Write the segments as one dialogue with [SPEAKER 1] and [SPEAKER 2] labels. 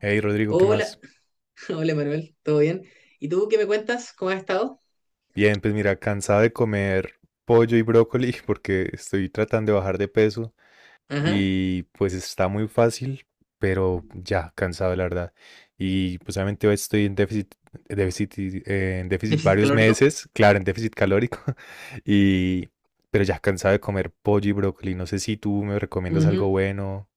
[SPEAKER 1] Hey Rodrigo, ¿qué
[SPEAKER 2] Hola,
[SPEAKER 1] más?
[SPEAKER 2] hola Manuel, ¿todo bien? ¿Y tú qué me cuentas? ¿Cómo has estado?
[SPEAKER 1] Bien, pues mira, cansado de comer pollo y brócoli porque estoy tratando de bajar de peso
[SPEAKER 2] Ajá,
[SPEAKER 1] y pues está muy fácil, pero ya, cansado la verdad. Y pues obviamente hoy estoy en déficit, en déficit
[SPEAKER 2] déficit
[SPEAKER 1] varios
[SPEAKER 2] calórico.
[SPEAKER 1] meses, claro, en déficit calórico, y pero ya cansado de comer pollo y brócoli. No sé si tú me recomiendas algo
[SPEAKER 2] Ujú,
[SPEAKER 1] bueno.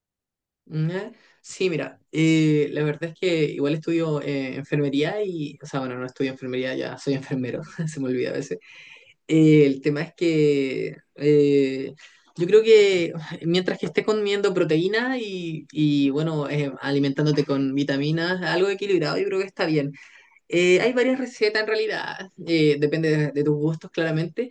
[SPEAKER 2] ujú. Sí, mira, la verdad es que igual estudio enfermería y, o sea, bueno, no estudio enfermería, ya soy enfermero, se me olvida a veces. El tema es que yo creo que mientras que estés comiendo proteína y bueno, alimentándote con vitaminas, algo equilibrado, yo creo que está bien. Hay varias recetas en realidad, depende de tus gustos claramente.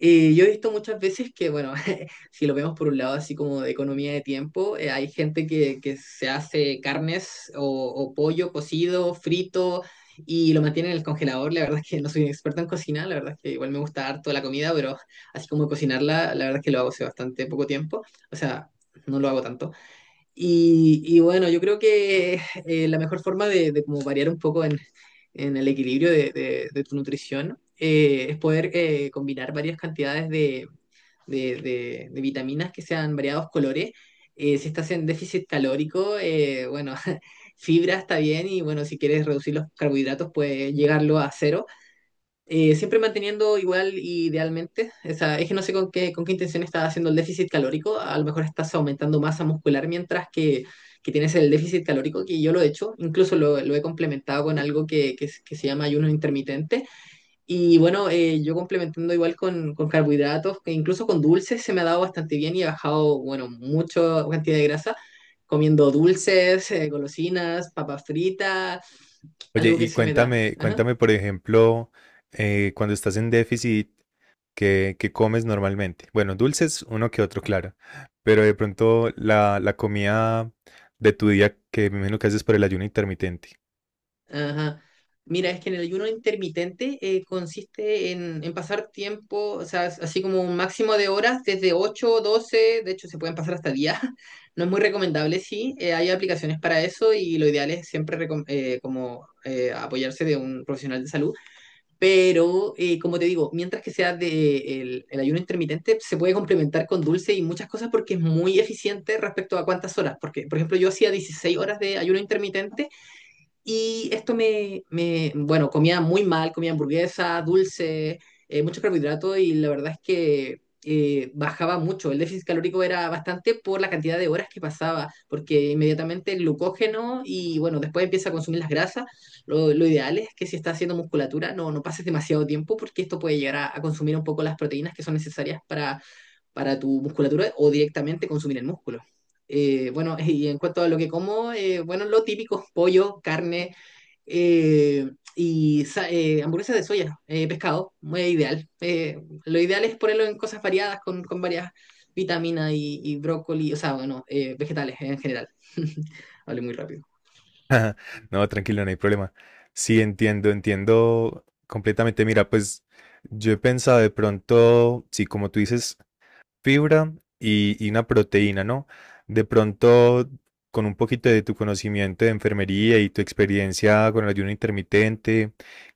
[SPEAKER 2] Yo he visto muchas veces que, bueno, si lo vemos por un lado así como de economía de tiempo, hay gente que se hace carnes o pollo cocido, frito y lo mantiene en el congelador. La verdad es que no soy un experto en cocina, la verdad es que igual me gusta harto la comida, pero así como cocinarla, la verdad es que lo hago hace bastante poco tiempo. O sea, no lo hago tanto. Y bueno, yo creo que la mejor forma de como variar un poco en el equilibrio de tu nutrición es poder combinar varias cantidades de vitaminas que sean variados colores. Si estás en déficit calórico, bueno, fibra está bien y bueno, si quieres reducir los carbohidratos, puedes llegarlo a cero siempre manteniendo igual idealmente, o sea, es que no sé con qué intención estás haciendo el déficit calórico, a lo mejor estás aumentando masa muscular mientras que tienes el déficit calórico, que yo lo he hecho, incluso lo he complementado con algo que se llama ayuno intermitente, y bueno, yo complementando igual con carbohidratos, que incluso con dulces se me ha dado bastante bien y he bajado, bueno, mucha cantidad de grasa, comiendo dulces, golosinas, papas fritas,
[SPEAKER 1] Oye,
[SPEAKER 2] algo que
[SPEAKER 1] y
[SPEAKER 2] se me da.
[SPEAKER 1] cuéntame,
[SPEAKER 2] Ajá.
[SPEAKER 1] cuéntame, por ejemplo, cuando estás en déficit. qué, comes normalmente? Bueno, dulces, uno que otro, claro. Pero de pronto la comida de tu día que me imagino que haces por el ayuno intermitente.
[SPEAKER 2] Ajá. Mira, es que en el ayuno intermitente consiste en pasar tiempo, o sea, es así como un máximo de horas, desde 8 12. De hecho se pueden pasar hasta 10. No es muy recomendable, sí, hay aplicaciones para eso y lo ideal es siempre recom- como apoyarse de un profesional de salud. Pero, como te digo, mientras que sea de, el ayuno intermitente, se puede complementar con dulce y muchas cosas porque es muy eficiente respecto a cuántas horas. Porque, por ejemplo, yo hacía 16 horas de ayuno intermitente y esto bueno, comía muy mal, comía hamburguesas dulces mucho carbohidrato y la verdad es que bajaba mucho. El déficit calórico era bastante por la cantidad de horas que pasaba, porque inmediatamente el glucógeno y bueno, después empieza a consumir las grasas. Lo ideal es que si estás haciendo musculatura no, no pases demasiado tiempo porque esto puede llegar a consumir un poco las proteínas que son necesarias para tu musculatura o directamente consumir el músculo. Bueno, y en cuanto a lo que como, bueno, lo típico, pollo, carne eh, y hamburguesas de soya, pescado, muy ideal. Lo ideal es ponerlo en cosas variadas, con varias vitaminas y brócoli, o sea, bueno, vegetales en general. Hablé muy rápido.
[SPEAKER 1] No, tranquilo, no hay problema. Sí, entiendo, entiendo completamente. Mira, pues yo he pensado de pronto, sí, como tú dices, fibra y una proteína, ¿no? De pronto, con un poquito de tu conocimiento de enfermería y tu experiencia con el ayuno intermitente,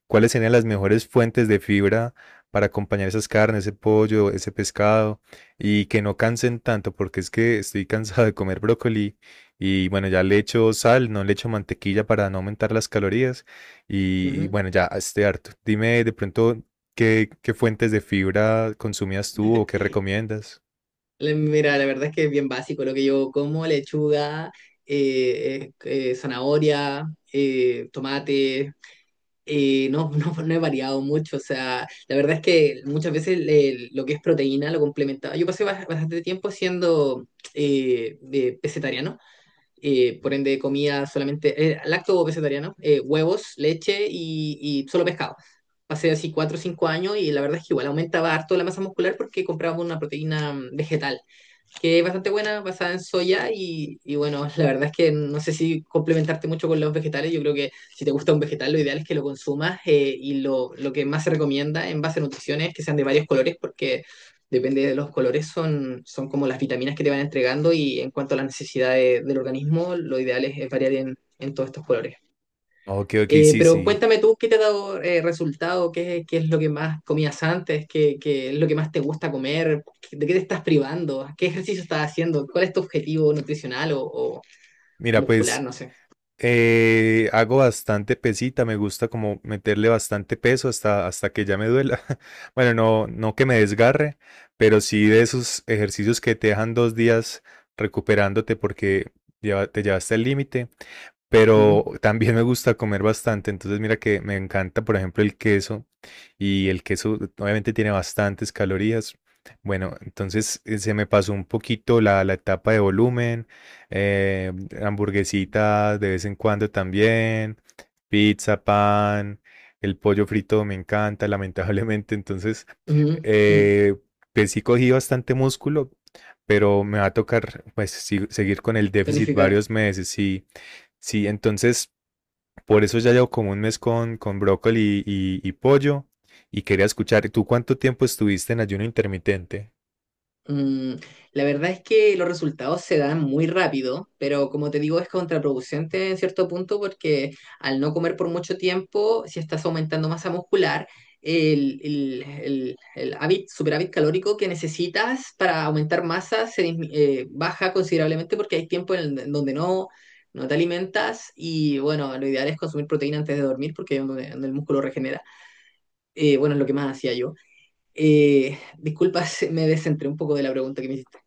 [SPEAKER 1] ¿cuáles serían las mejores fuentes de fibra para acompañar esas carnes, ese pollo, ese pescado y que no cansen tanto? Porque es que estoy cansado de comer brócoli y bueno, ya le echo sal, no le echo mantequilla para no aumentar las calorías y,
[SPEAKER 2] Ujú.
[SPEAKER 1] bueno, ya estoy harto. Dime de pronto qué fuentes de fibra consumías tú o qué recomiendas.
[SPEAKER 2] Mira, la verdad es que es bien básico lo que yo como, lechuga, zanahoria, tomate, y no, no, no he variado mucho, o sea, la verdad es que muchas veces lo que es proteína lo complementaba. Yo pasé bastante tiempo siendo de pescetariano, por ende comía solamente lacto pescetariano, huevos, leche y solo pescado. Pasé así 4 o 5 años y la verdad es que igual aumentaba harto la masa muscular porque compraba una proteína vegetal que es bastante buena, basada en soya y bueno, la verdad es que no sé si complementarte mucho con los vegetales, yo creo que si te gusta un vegetal lo ideal es que lo consumas y lo que más se recomienda en base a nutriciones es que sean de varios colores porque depende de los colores son, son como las vitaminas que te van entregando y en cuanto a las necesidades del organismo lo ideal es variar en todos estos colores.
[SPEAKER 1] Ok, ok, sí,
[SPEAKER 2] Pero
[SPEAKER 1] sí.
[SPEAKER 2] cuéntame tú, ¿qué te ha dado resultado? ¿Qué, qué es lo que más comías antes? ¿Qué, qué es lo que más te gusta comer? ¿De qué te estás privando? ¿Qué ejercicio estás haciendo? ¿Cuál es tu objetivo nutricional o
[SPEAKER 1] Mira,
[SPEAKER 2] muscular?
[SPEAKER 1] pues
[SPEAKER 2] No sé.
[SPEAKER 1] hago bastante pesita, me gusta como meterle bastante peso hasta que ya me duela. Bueno, no, no que me desgarre, pero sí de esos ejercicios que te dejan 2 días recuperándote porque te llevaste al límite. Pero
[SPEAKER 2] Ujú,
[SPEAKER 1] también me gusta comer bastante. Entonces, mira que me encanta, por ejemplo, el queso. Y el queso obviamente tiene bastantes calorías. Bueno, entonces se me pasó un poquito la etapa de volumen, eh, hamburguesitas de vez en cuando también, pizza, pan, el pollo frito me encanta, lamentablemente. Entonces,
[SPEAKER 2] ujú, ujú.
[SPEAKER 1] eh, pues sí cogí bastante músculo, pero me va a tocar pues sí, seguir con el déficit
[SPEAKER 2] Tonificar.
[SPEAKER 1] varios meses. Sí, sí, entonces por eso ya llevo como un mes con brócoli y pollo y quería escuchar, ¿tú cuánto tiempo estuviste en ayuno intermitente?
[SPEAKER 2] Mm, la verdad es que los resultados se dan muy rápido, pero como te digo, es contraproducente en cierto punto porque al no comer por mucho tiempo, si estás aumentando masa muscular, el superávit calórico que necesitas para aumentar masa se baja considerablemente porque hay tiempo en, en donde no, no te alimentas y bueno, lo ideal es consumir proteína antes de dormir porque es donde, donde el músculo regenera. Bueno, es lo que más hacía yo. Disculpa, me descentré un poco de la pregunta que me hiciste.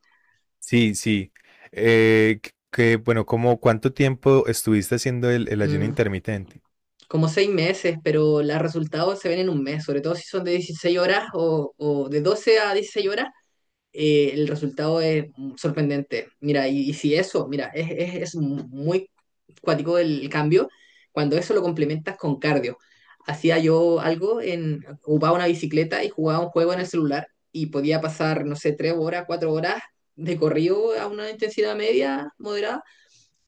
[SPEAKER 1] Sí, sí. Bueno, ¿cómo cuánto tiempo estuviste haciendo el ayuno
[SPEAKER 2] Mm,
[SPEAKER 1] intermitente?
[SPEAKER 2] como 6 meses, pero los resultados se ven en 1 mes, sobre todo si son de 16 horas o de 12 a 16 horas, el resultado es sorprendente. Mira, y si eso, mira, es muy cuático el cambio, cuando eso lo complementas con cardio. Hacía yo algo en, ocupaba una bicicleta y jugaba un juego en el celular y podía pasar, no sé, 3 horas, 4 horas de corrido a una intensidad media, moderada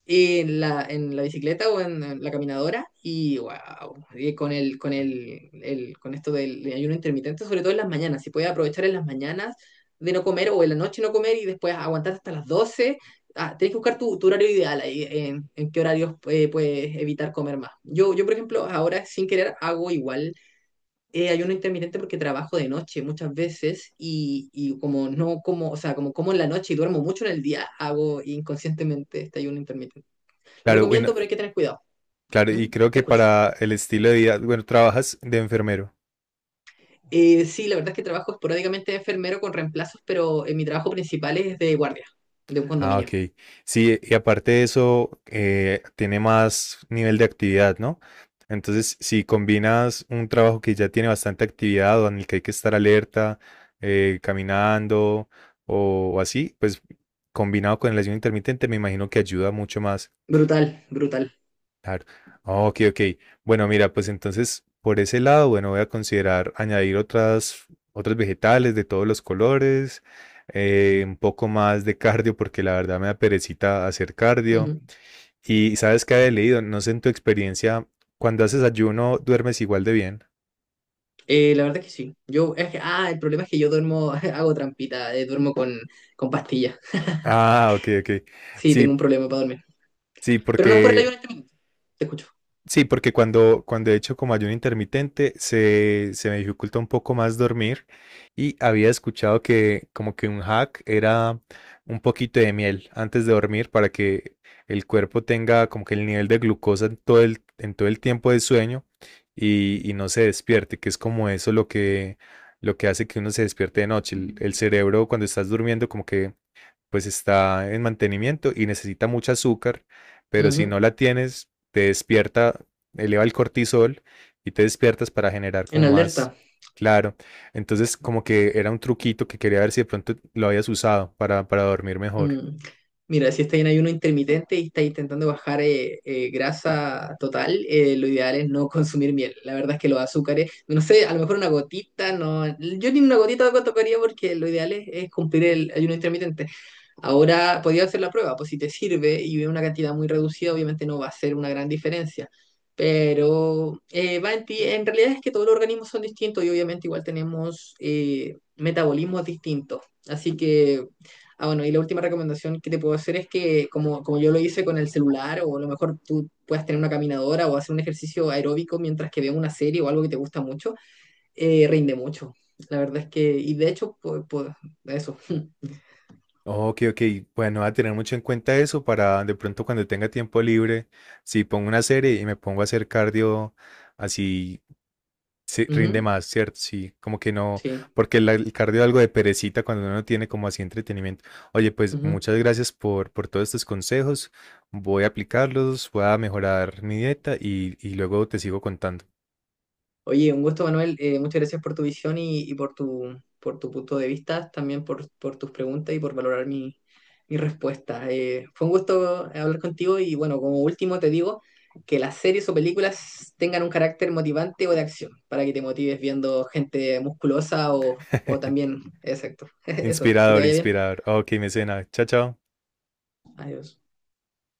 [SPEAKER 2] en la bicicleta o en la caminadora y wow, y con el, con esto del ayuno intermitente, sobre todo en las mañanas, si puedes aprovechar en las mañanas de no comer o en la noche no comer y después aguantar hasta las 12. Ah, tenés que buscar tu, tu horario ideal ahí, en qué horarios puedes evitar comer más. Yo, por ejemplo, ahora sin querer hago igual ayuno intermitente porque trabajo de noche muchas veces y como no como, o sea, como como en la noche y duermo mucho en el día, hago inconscientemente este ayuno intermitente.
[SPEAKER 1] Claro, bueno,
[SPEAKER 2] Recomiendo, pero hay que tener cuidado.
[SPEAKER 1] claro, y
[SPEAKER 2] ¿Mm?
[SPEAKER 1] creo
[SPEAKER 2] Te
[SPEAKER 1] que
[SPEAKER 2] escucho.
[SPEAKER 1] para el estilo de vida, bueno, trabajas de enfermero.
[SPEAKER 2] Sí, la verdad es que trabajo esporádicamente de enfermero con reemplazos, pero mi trabajo principal es de guardia, de un
[SPEAKER 1] Ah,
[SPEAKER 2] condominio.
[SPEAKER 1] ok. Sí, y aparte de eso, tiene más nivel de actividad, ¿no? Entonces, si combinas un trabajo que ya tiene bastante actividad o en el que hay que estar alerta, caminando o así, pues combinado con el ayuno intermitente, me imagino que ayuda mucho más.
[SPEAKER 2] Brutal, brutal.
[SPEAKER 1] Claro. Ah, ok, ok. Bueno, mira, pues entonces por ese lado, bueno, voy a considerar añadir otras, otros vegetales de todos los colores, un poco más de cardio, porque la verdad me da perecita hacer cardio.
[SPEAKER 2] Ujú.
[SPEAKER 1] Y sabes que he leído, no sé en tu experiencia, cuando haces ayuno, ¿duermes igual de bien?
[SPEAKER 2] La verdad es que sí. Yo, ah, el problema es que yo duermo, hago trampita, duermo con pastillas.
[SPEAKER 1] Ah, ok, ok.
[SPEAKER 2] Sí, tengo
[SPEAKER 1] Sí,
[SPEAKER 2] un problema para dormir.
[SPEAKER 1] sí,
[SPEAKER 2] Pero no es por el
[SPEAKER 1] porque.
[SPEAKER 2] ayuno intermitente. Te escucho.
[SPEAKER 1] Sí, porque cuando he hecho como ayuno intermitente se me dificulta un poco más dormir y había escuchado que como que un hack era un poquito de miel antes de dormir para que el cuerpo tenga como que el nivel de glucosa en todo el tiempo de sueño y no se despierte, que es como eso lo que hace que uno se despierte de noche. El cerebro cuando estás durmiendo como que pues está en mantenimiento y necesita mucho azúcar, pero si no
[SPEAKER 2] Ujú.
[SPEAKER 1] la tienes, te despierta, eleva el cortisol y te despiertas para generar
[SPEAKER 2] En
[SPEAKER 1] como más.
[SPEAKER 2] alerta.
[SPEAKER 1] Claro. Entonces, como que era un truquito que quería ver si de pronto lo habías usado para, dormir mejor.
[SPEAKER 2] Mm, mira, si estás en ayuno intermitente y estás intentando bajar grasa total, lo ideal es no consumir miel. La verdad es que los azúcares, no sé, a lo mejor una gotita, no, yo ni una gotita tocaría porque lo ideal es cumplir el ayuno intermitente. Ahora podía hacer la prueba, pues si te sirve y es una cantidad muy reducida, obviamente no va a ser una gran diferencia. Pero va en ti. En realidad es que todos los organismos son distintos y obviamente igual tenemos metabolismos distintos. Así que, ah, bueno, y la última recomendación que te puedo hacer es que, como, como yo lo hice con el celular, o a lo mejor tú puedas tener una caminadora o hacer un ejercicio aeróbico mientras que veas una serie o algo que te gusta mucho, rinde mucho. La verdad es que, y de hecho, pues, eso.
[SPEAKER 1] Ok, ok. Bueno, voy a tener mucho en cuenta eso para de pronto cuando tenga tiempo libre, si pongo una serie y me pongo a hacer cardio así. Sí, rinde
[SPEAKER 2] Ujú,
[SPEAKER 1] más, ¿cierto? Sí, como que no,
[SPEAKER 2] sí.
[SPEAKER 1] porque el cardio es algo de perecita cuando uno tiene como así entretenimiento. Oye, pues
[SPEAKER 2] Ujú.
[SPEAKER 1] muchas gracias por, todos estos consejos. Voy a aplicarlos, voy a mejorar mi dieta y luego te sigo contando.
[SPEAKER 2] Oye, un gusto, Manuel. Muchas gracias por tu visión y por tu punto de vista, también por tus preguntas y por valorar mi, mi respuesta. Fue un gusto hablar contigo y bueno, como último te digo que las series o películas tengan un carácter motivante o de acción para que te motives viendo gente musculosa o también, exacto. Eso, que te
[SPEAKER 1] Inspirador,
[SPEAKER 2] vaya bien.
[SPEAKER 1] inspirador. Ok, mecena. Chao, chao.
[SPEAKER 2] Adiós.